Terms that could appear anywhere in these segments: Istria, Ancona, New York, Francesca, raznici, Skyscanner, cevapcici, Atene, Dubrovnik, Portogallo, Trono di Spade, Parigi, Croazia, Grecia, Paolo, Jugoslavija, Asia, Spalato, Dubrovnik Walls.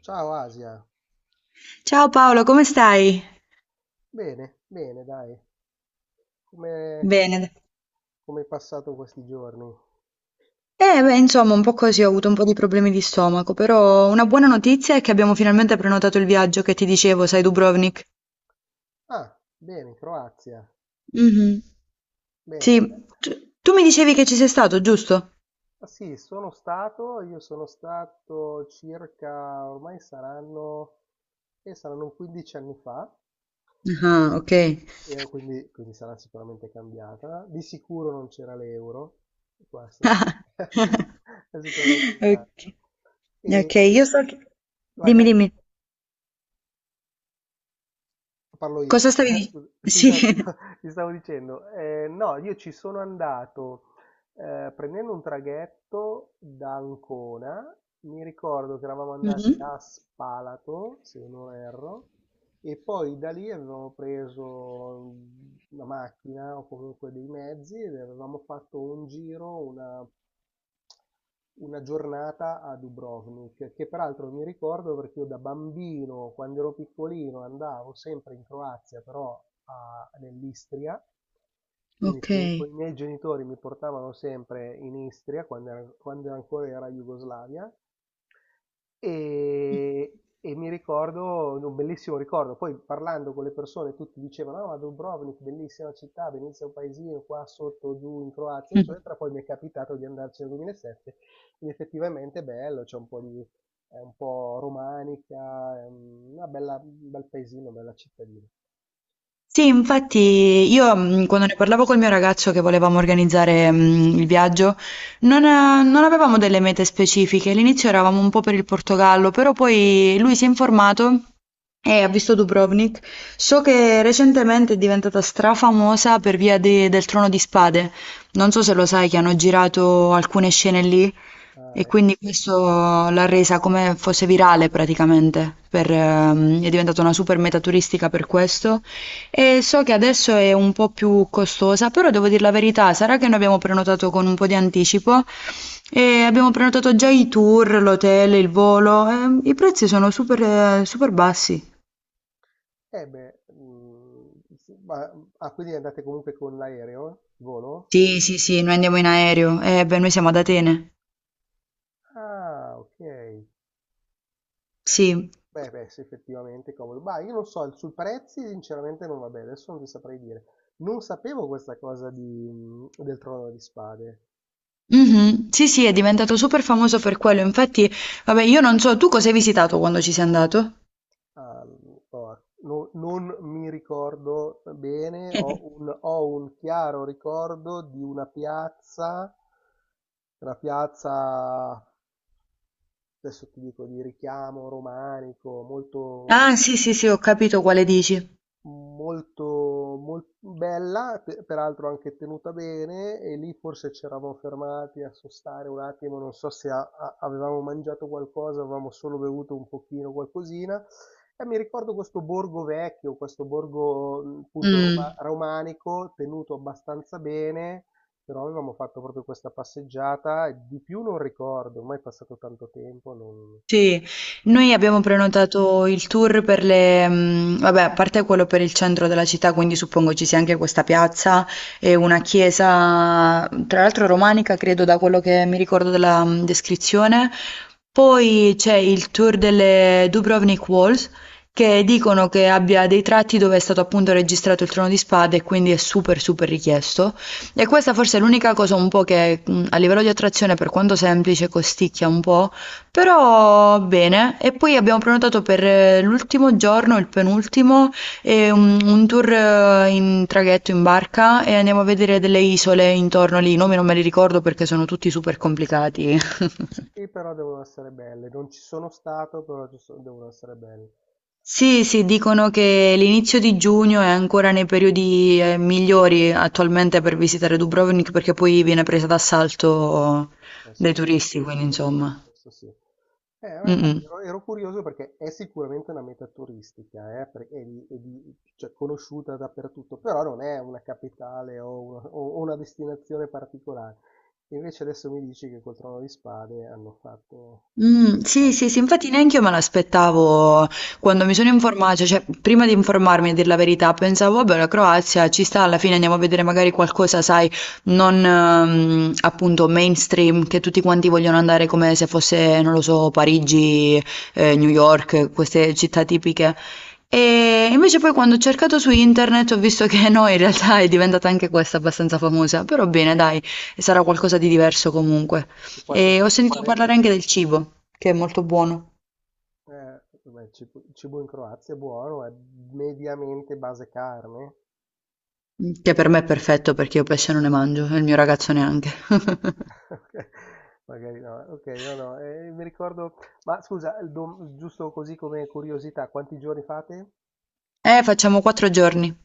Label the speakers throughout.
Speaker 1: Ciao Asia,
Speaker 2: Ciao Paolo, come stai?
Speaker 1: bene, bene, dai, come
Speaker 2: Bene.
Speaker 1: come hai passato questi giorni?
Speaker 2: Beh, insomma, un po' così, ho avuto un po' di problemi di stomaco, però una buona notizia è che abbiamo finalmente prenotato il viaggio che ti dicevo, sai, Dubrovnik.
Speaker 1: Ah, bene, Croazia,
Speaker 2: Mhm. Sì,
Speaker 1: bene. Beh,
Speaker 2: tu, tu mi dicevi che ci sei stato, giusto?
Speaker 1: ah, sì, sono stato, io sono stato circa, ormai saranno, saranno 15 anni fa,
Speaker 2: Ah, ok.
Speaker 1: quindi sarà sicuramente cambiata, di sicuro non c'era l'euro, questa è, è sicuramente un
Speaker 2: Ok,
Speaker 1: cambio.
Speaker 2: ok,
Speaker 1: E
Speaker 2: io so che...
Speaker 1: vai,
Speaker 2: Dimmi,
Speaker 1: vai.
Speaker 2: dimmi,
Speaker 1: Parlo io.
Speaker 2: cosa stavi
Speaker 1: Sì, no, ti
Speaker 2: dicendo? Sì.
Speaker 1: sta- ti stavo dicendo. No, io ci sono andato prendendo un traghetto da Ancona. Mi ricordo che eravamo andati
Speaker 2: Mhm.
Speaker 1: a Spalato, se non erro, e poi da lì avevamo preso una macchina o comunque dei mezzi ed avevamo fatto un giro, una giornata a Dubrovnik che peraltro mi ricordo perché io da bambino, quando ero piccolino, andavo sempre in Croazia, però nell'Istria, quindi
Speaker 2: Ok.
Speaker 1: con i miei genitori mi portavano sempre in Istria quando ancora era Jugoslavia. E mi ricordo, un bellissimo ricordo. Poi parlando con le persone tutti dicevano, ah, ma Dubrovnik, bellissima città, bellissimo paesino qua sotto, giù in Croazia, eccetera. Poi mi è capitato di andarci nel 2007, ed effettivamente è bello, c'è un po' di, è un po' romanica, è una bella, un bel paesino, una bella cittadina.
Speaker 2: Sì, infatti io quando ne parlavo col mio ragazzo che volevamo organizzare il viaggio, non avevamo delle mete specifiche. All'inizio eravamo un po' per il Portogallo, però poi lui si è informato e ha visto Dubrovnik. So che recentemente è diventata strafamosa per via de- del Trono di Spade. Non so se lo sai che hanno girato alcune scene lì
Speaker 1: Ah,
Speaker 2: e
Speaker 1: ecco.
Speaker 2: quindi questo l'ha resa come fosse virale praticamente. Per, è diventata una super meta turistica per questo. E so che adesso è un po' più costosa, però devo dire la verità, sarà che noi abbiamo prenotato con un po' di anticipo e abbiamo prenotato già i tour, l'hotel, il volo, e i prezzi sono super, super bassi.
Speaker 1: Eh beh, sì, ah, quindi andate comunque con l'aereo, il volo?
Speaker 2: Sì, sì, sì, noi andiamo in aereo, e beh, noi siamo ad Atene.
Speaker 1: Ah, ok.
Speaker 2: Sì.
Speaker 1: Beh, beh, sì, effettivamente è comodo. Bah, io non so, sui prezzi sinceramente non vabbè, adesso non ti saprei dire. Non sapevo questa cosa del Trono di Spade.
Speaker 2: Mhm. Sì, sì, è diventato super famoso per quello. Infatti, vabbè, io non so, tu cosa hai visitato quando ci sei andato?
Speaker 1: Ah, no, non mi ricordo bene, ho un chiaro ricordo di una piazza, adesso ti dico, di richiamo romanico, molto...
Speaker 2: Ah, sì, sì, sì, ho capito quale dici.
Speaker 1: molto, mol- bella, peraltro anche tenuta bene, e lì forse ci eravamo fermati a sostare un attimo, non so se avevamo mangiato qualcosa, avevamo solo bevuto un pochino, qualcosina. E mi ricordo questo borgo vecchio, questo borgo appunto
Speaker 2: Mm.
Speaker 1: romanico, tenuto abbastanza bene, però avevamo fatto proprio questa passeggiata, e di più non ricordo, ormai è passato tanto tempo, non...
Speaker 2: Sì, noi abbiamo prenotato il tour per le, vabbè, a parte quello per il centro della città, quindi suppongo ci sia anche questa piazza e una chiesa, tra l'altro romanica, credo da quello che mi ricordo della descrizione. Poi c'è il tour delle Dubrovnik Walls, che dicono che abbia dei tratti dove è stato appunto registrato il Trono di Spade e quindi è super super richiesto. E questa forse è l'unica cosa un po' che a livello di attrazione, per quanto semplice, costicchia un po'. Però bene, e poi abbiamo prenotato per l'ultimo giorno, il penultimo, e un tour in traghetto, in barca e andiamo a vedere delle isole intorno lì. I nomi non me li ricordo perché sono tutti super complicati.
Speaker 1: Sì, però devono essere belle, non ci sono stato, però devono essere belle.
Speaker 2: Sì, sì, dicono che l'inizio di giugno è ancora nei periodi migliori attualmente per visitare Dubrovnik perché poi viene presa d'assalto
Speaker 1: Eh sì,
Speaker 2: dai
Speaker 1: eh sì,
Speaker 2: turisti, quindi
Speaker 1: con il
Speaker 2: insomma.
Speaker 1: resto sì. Ma
Speaker 2: Mm,
Speaker 1: infatti
Speaker 2: mm.
Speaker 1: ero curioso perché è sicuramente una meta turistica, cioè, conosciuta dappertutto, però non è una capitale o una, o una destinazione particolare. Invece adesso mi dici che col Trono di Spade hanno fatto...
Speaker 2: Sì,
Speaker 1: fanno-
Speaker 2: sì, sì, infatti neanche io me l'aspettavo quando mi sono informata, cioè prima di informarmi a dir la verità, pensavo, vabbè, la Croazia ci sta, alla fine andiamo a vedere magari qualcosa, sai, non appunto mainstream, che tutti quanti vogliono andare come se fosse, non lo so, Parigi, New York, queste città tipiche. E invece poi quando ho cercato su internet ho visto che no, in realtà è diventata anche questa abbastanza famosa, però bene, dai, sarà qualcosa di diverso comunque.
Speaker 1: E quanti
Speaker 2: E ho
Speaker 1: giorni
Speaker 2: sentito parlare
Speaker 1: farete?
Speaker 2: anche del cibo, che è molto buono,
Speaker 1: Vabbè, il cibo in Croazia è buono, è mediamente base carne,
Speaker 2: che per me è perfetto perché io pesce non ne mangio e il mio ragazzo neanche.
Speaker 1: ok, magari no. Ok, no, no, mi ricordo. Ma scusa, giusto così come curiosità, quanti giorni fate?
Speaker 2: Facciamo 4 giorni.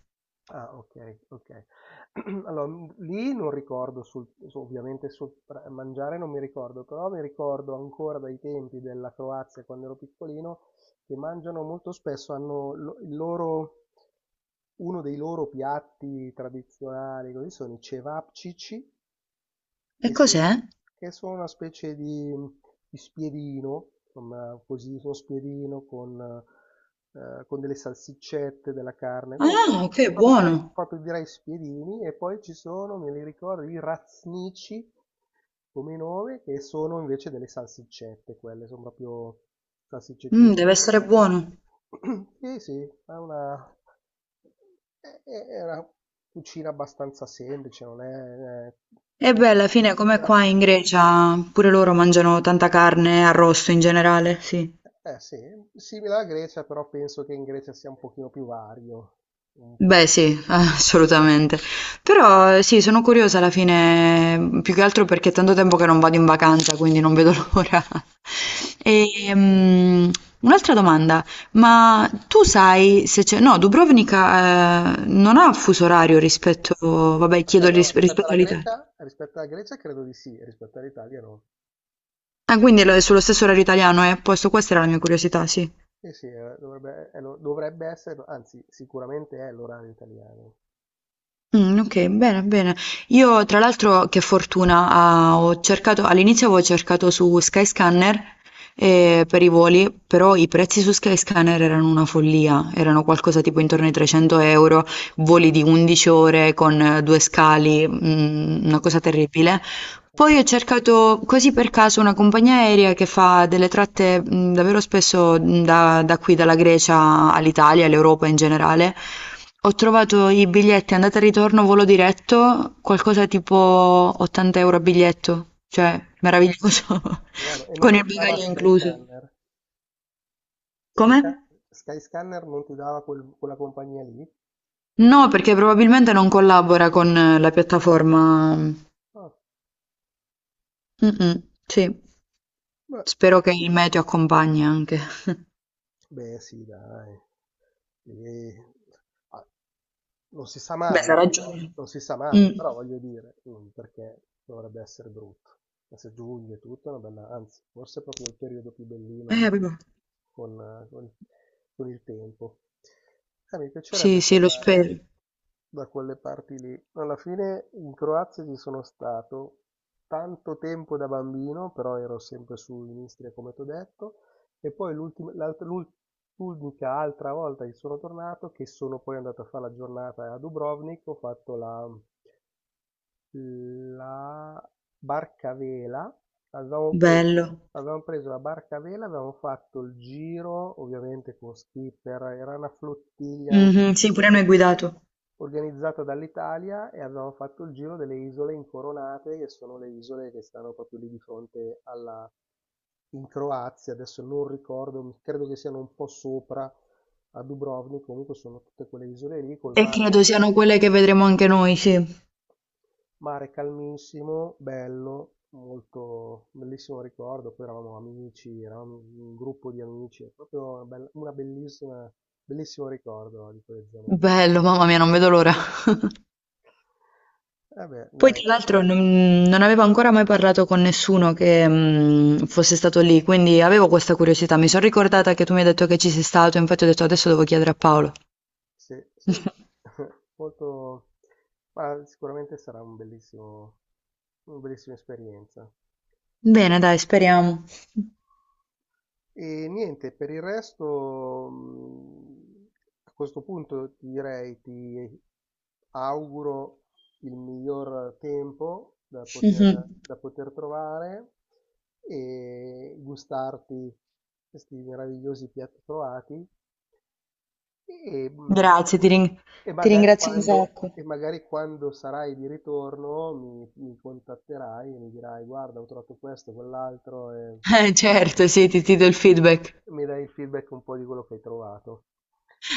Speaker 1: Ah, ok, ok. Allora, lì non ricordo, ovviamente sul mangiare non mi ricordo, però mi ricordo ancora dai tempi della Croazia quando ero piccolino che mangiano molto spesso, hanno il loro, uno dei loro piatti tradizionali, così sono i cevapcici,
Speaker 2: E
Speaker 1: Che se
Speaker 2: cos'è?
Speaker 1: che sono una specie di spiedino, insomma così, uno spiedino con delle salsiccette, della carne, no
Speaker 2: Ah,
Speaker 1: proprio
Speaker 2: ok,
Speaker 1: proprio direi
Speaker 2: buono.
Speaker 1: proprio direi spiedini e poi ci sono, me li ricordo, i raznici come nome, che sono invece delle salsiccette quelle, son proprio salsiccettine
Speaker 2: Mm, deve essere
Speaker 1: piccoline.
Speaker 2: buono.
Speaker 1: Sì, sì, è una È una cucina abbastanza semplice, non è
Speaker 2: E beh, alla fine, come
Speaker 1: complicatissima.
Speaker 2: qua in Grecia, pure loro mangiano tanta carne, arrosto in generale, sì.
Speaker 1: Eh sì, simile alla Grecia, però penso che in Grecia sia un pochino più vario. Un
Speaker 2: Beh
Speaker 1: pochino,
Speaker 2: sì, assolutamente. Però sì, sono curiosa alla fine, più che altro perché è tanto tempo che non vado in vacanza, quindi non vedo l'ora.
Speaker 1: eh,
Speaker 2: E, mm, un'altra domanda, ma tu sai se c'è... No, Dubrovnica, non ha fuso orario
Speaker 1: no,
Speaker 2: rispetto... Vabbè, chiedo
Speaker 1: aspetta, no,
Speaker 2: ris-
Speaker 1: rispetto
Speaker 2: rispetto
Speaker 1: alla
Speaker 2: all'Italia.
Speaker 1: Grecia, rispetto alla Grecia credo di sì, rispetto all'Italia no.
Speaker 2: Ah, quindi è lo- è sullo stesso orario italiano, è a posto, questa era la mia curiosità, sì.
Speaker 1: Eh sì, dovrebbe, dovrebbe essere, anzi, sicuramente è l'orario italiano.
Speaker 2: Okay, bene, bene. Io tra l'altro che fortuna, ah, ho cercato all'inizio avevo cercato su Skyscanner, per i voli, però i prezzi su Skyscanner erano una follia, erano qualcosa tipo intorno ai 300 euro, voli di 11 ore con 2 scali, mhmm,
Speaker 1: Eh,
Speaker 2: una cosa terribile.
Speaker 1: eh.
Speaker 2: Poi ho cercato così per caso una compagnia aerea che fa delle tratte davvero spesso da qui, dalla Grecia all'Italia, all'Europa in generale. Ho trovato i biglietti andata e ritorno volo diretto, qualcosa tipo 80 euro a biglietto, cioè meraviglioso,
Speaker 1: Buono. E
Speaker 2: con
Speaker 1: non ti
Speaker 2: il
Speaker 1: dava
Speaker 2: bagaglio incluso.
Speaker 1: Skyscanner? Skysca-
Speaker 2: Come?
Speaker 1: Skyscanner non ti dava quella compagnia lì?
Speaker 2: No, perché probabilmente non collabora con la piattaforma.
Speaker 1: Ah,
Speaker 2: Mm-mm, sì,
Speaker 1: beh,
Speaker 2: spero che il meteo accompagni anche.
Speaker 1: beh, sì, dai. Sì. Ah, non si sa
Speaker 2: Beh,
Speaker 1: mai,
Speaker 2: sarà
Speaker 1: però,
Speaker 2: giusto.
Speaker 1: non si sa mai,
Speaker 2: Mm.
Speaker 1: però voglio dire, perché dovrebbe essere brutto. Adesso è giugno e tutto è una bella, anzi, forse è proprio il periodo più bellino
Speaker 2: Proprio.
Speaker 1: con, eh, con- con il tempo. Mi piacerebbe
Speaker 2: Sì, sì, lo
Speaker 1: tornare
Speaker 2: spero.
Speaker 1: da quelle parti lì. Alla fine in Croazia ci sono stato tanto tempo da bambino, però ero sempre su in Istria, come ti ho detto, e poi l'unica altra volta che sono tornato, che sono poi andato a fare la giornata a Dubrovnik, ho fatto la barca a vela, avevamo preso,
Speaker 2: Bello.
Speaker 1: avevamo preso la barca a vela, avevamo fatto il giro, ovviamente con skipper, era una flottiglia
Speaker 2: Mhm, sì, pure
Speaker 1: organizzata
Speaker 2: noi guidato.
Speaker 1: organizzata dall'Italia e avevamo fatto il giro delle isole incoronate, che sono le isole che stanno proprio lì di fronte alla, in Croazia, adesso non ricordo, credo che siano un po' sopra a Dubrovnik, comunque sono tutte quelle isole lì col
Speaker 2: E
Speaker 1: mare,
Speaker 2: credo siano quelle che vedremo anche noi, sì.
Speaker 1: mare calmissimo, bello, molto bellissimo ricordo, poi eravamo amici, eravamo un gruppo di amici, è proprio una, bella- una bellissima, bellissimo ricordo di quelle zone lì.
Speaker 2: Bello, mamma mia, non vedo l'ora.
Speaker 1: Vabbè,
Speaker 2: Poi,
Speaker 1: dai.
Speaker 2: tra l'altro, non avevo ancora mai parlato con nessuno che mm, fosse stato lì, quindi avevo questa curiosità. Mi sono ricordata che tu mi hai detto che ci sei stato, infatti ho detto adesso devo chiedere a Paolo.
Speaker 1: Sì, sì, sì. Molto... Ma sicuramente sarà una bellissima esperienza.
Speaker 2: Bene, dai, speriamo.
Speaker 1: E niente, per il resto, a questo punto ti auguro il miglior tempo da poter,
Speaker 2: Mhm.
Speaker 1: da poter trovare e gustarti questi meravigliosi piatti trovati. E, mh,
Speaker 2: Grazie, ti ring-
Speaker 1: e
Speaker 2: ti
Speaker 1: magari
Speaker 2: ringrazio un
Speaker 1: quando, e
Speaker 2: sacco.
Speaker 1: magari quando sarai di ritorno mi contatterai e mi dirai, guarda, ho trovato questo, quell'altro, e oppure
Speaker 2: Certo, sì, ti do il feedback.
Speaker 1: mi dai il feedback un po' di quello che hai trovato.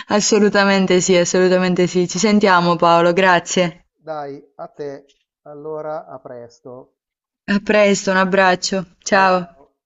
Speaker 2: Assolutamente sì, assolutamente sì. Ci sentiamo Paolo, grazie.
Speaker 1: Dai, a te. Allora, a presto.
Speaker 2: A presto, un abbraccio.
Speaker 1: Ciao
Speaker 2: Ciao.
Speaker 1: ciao.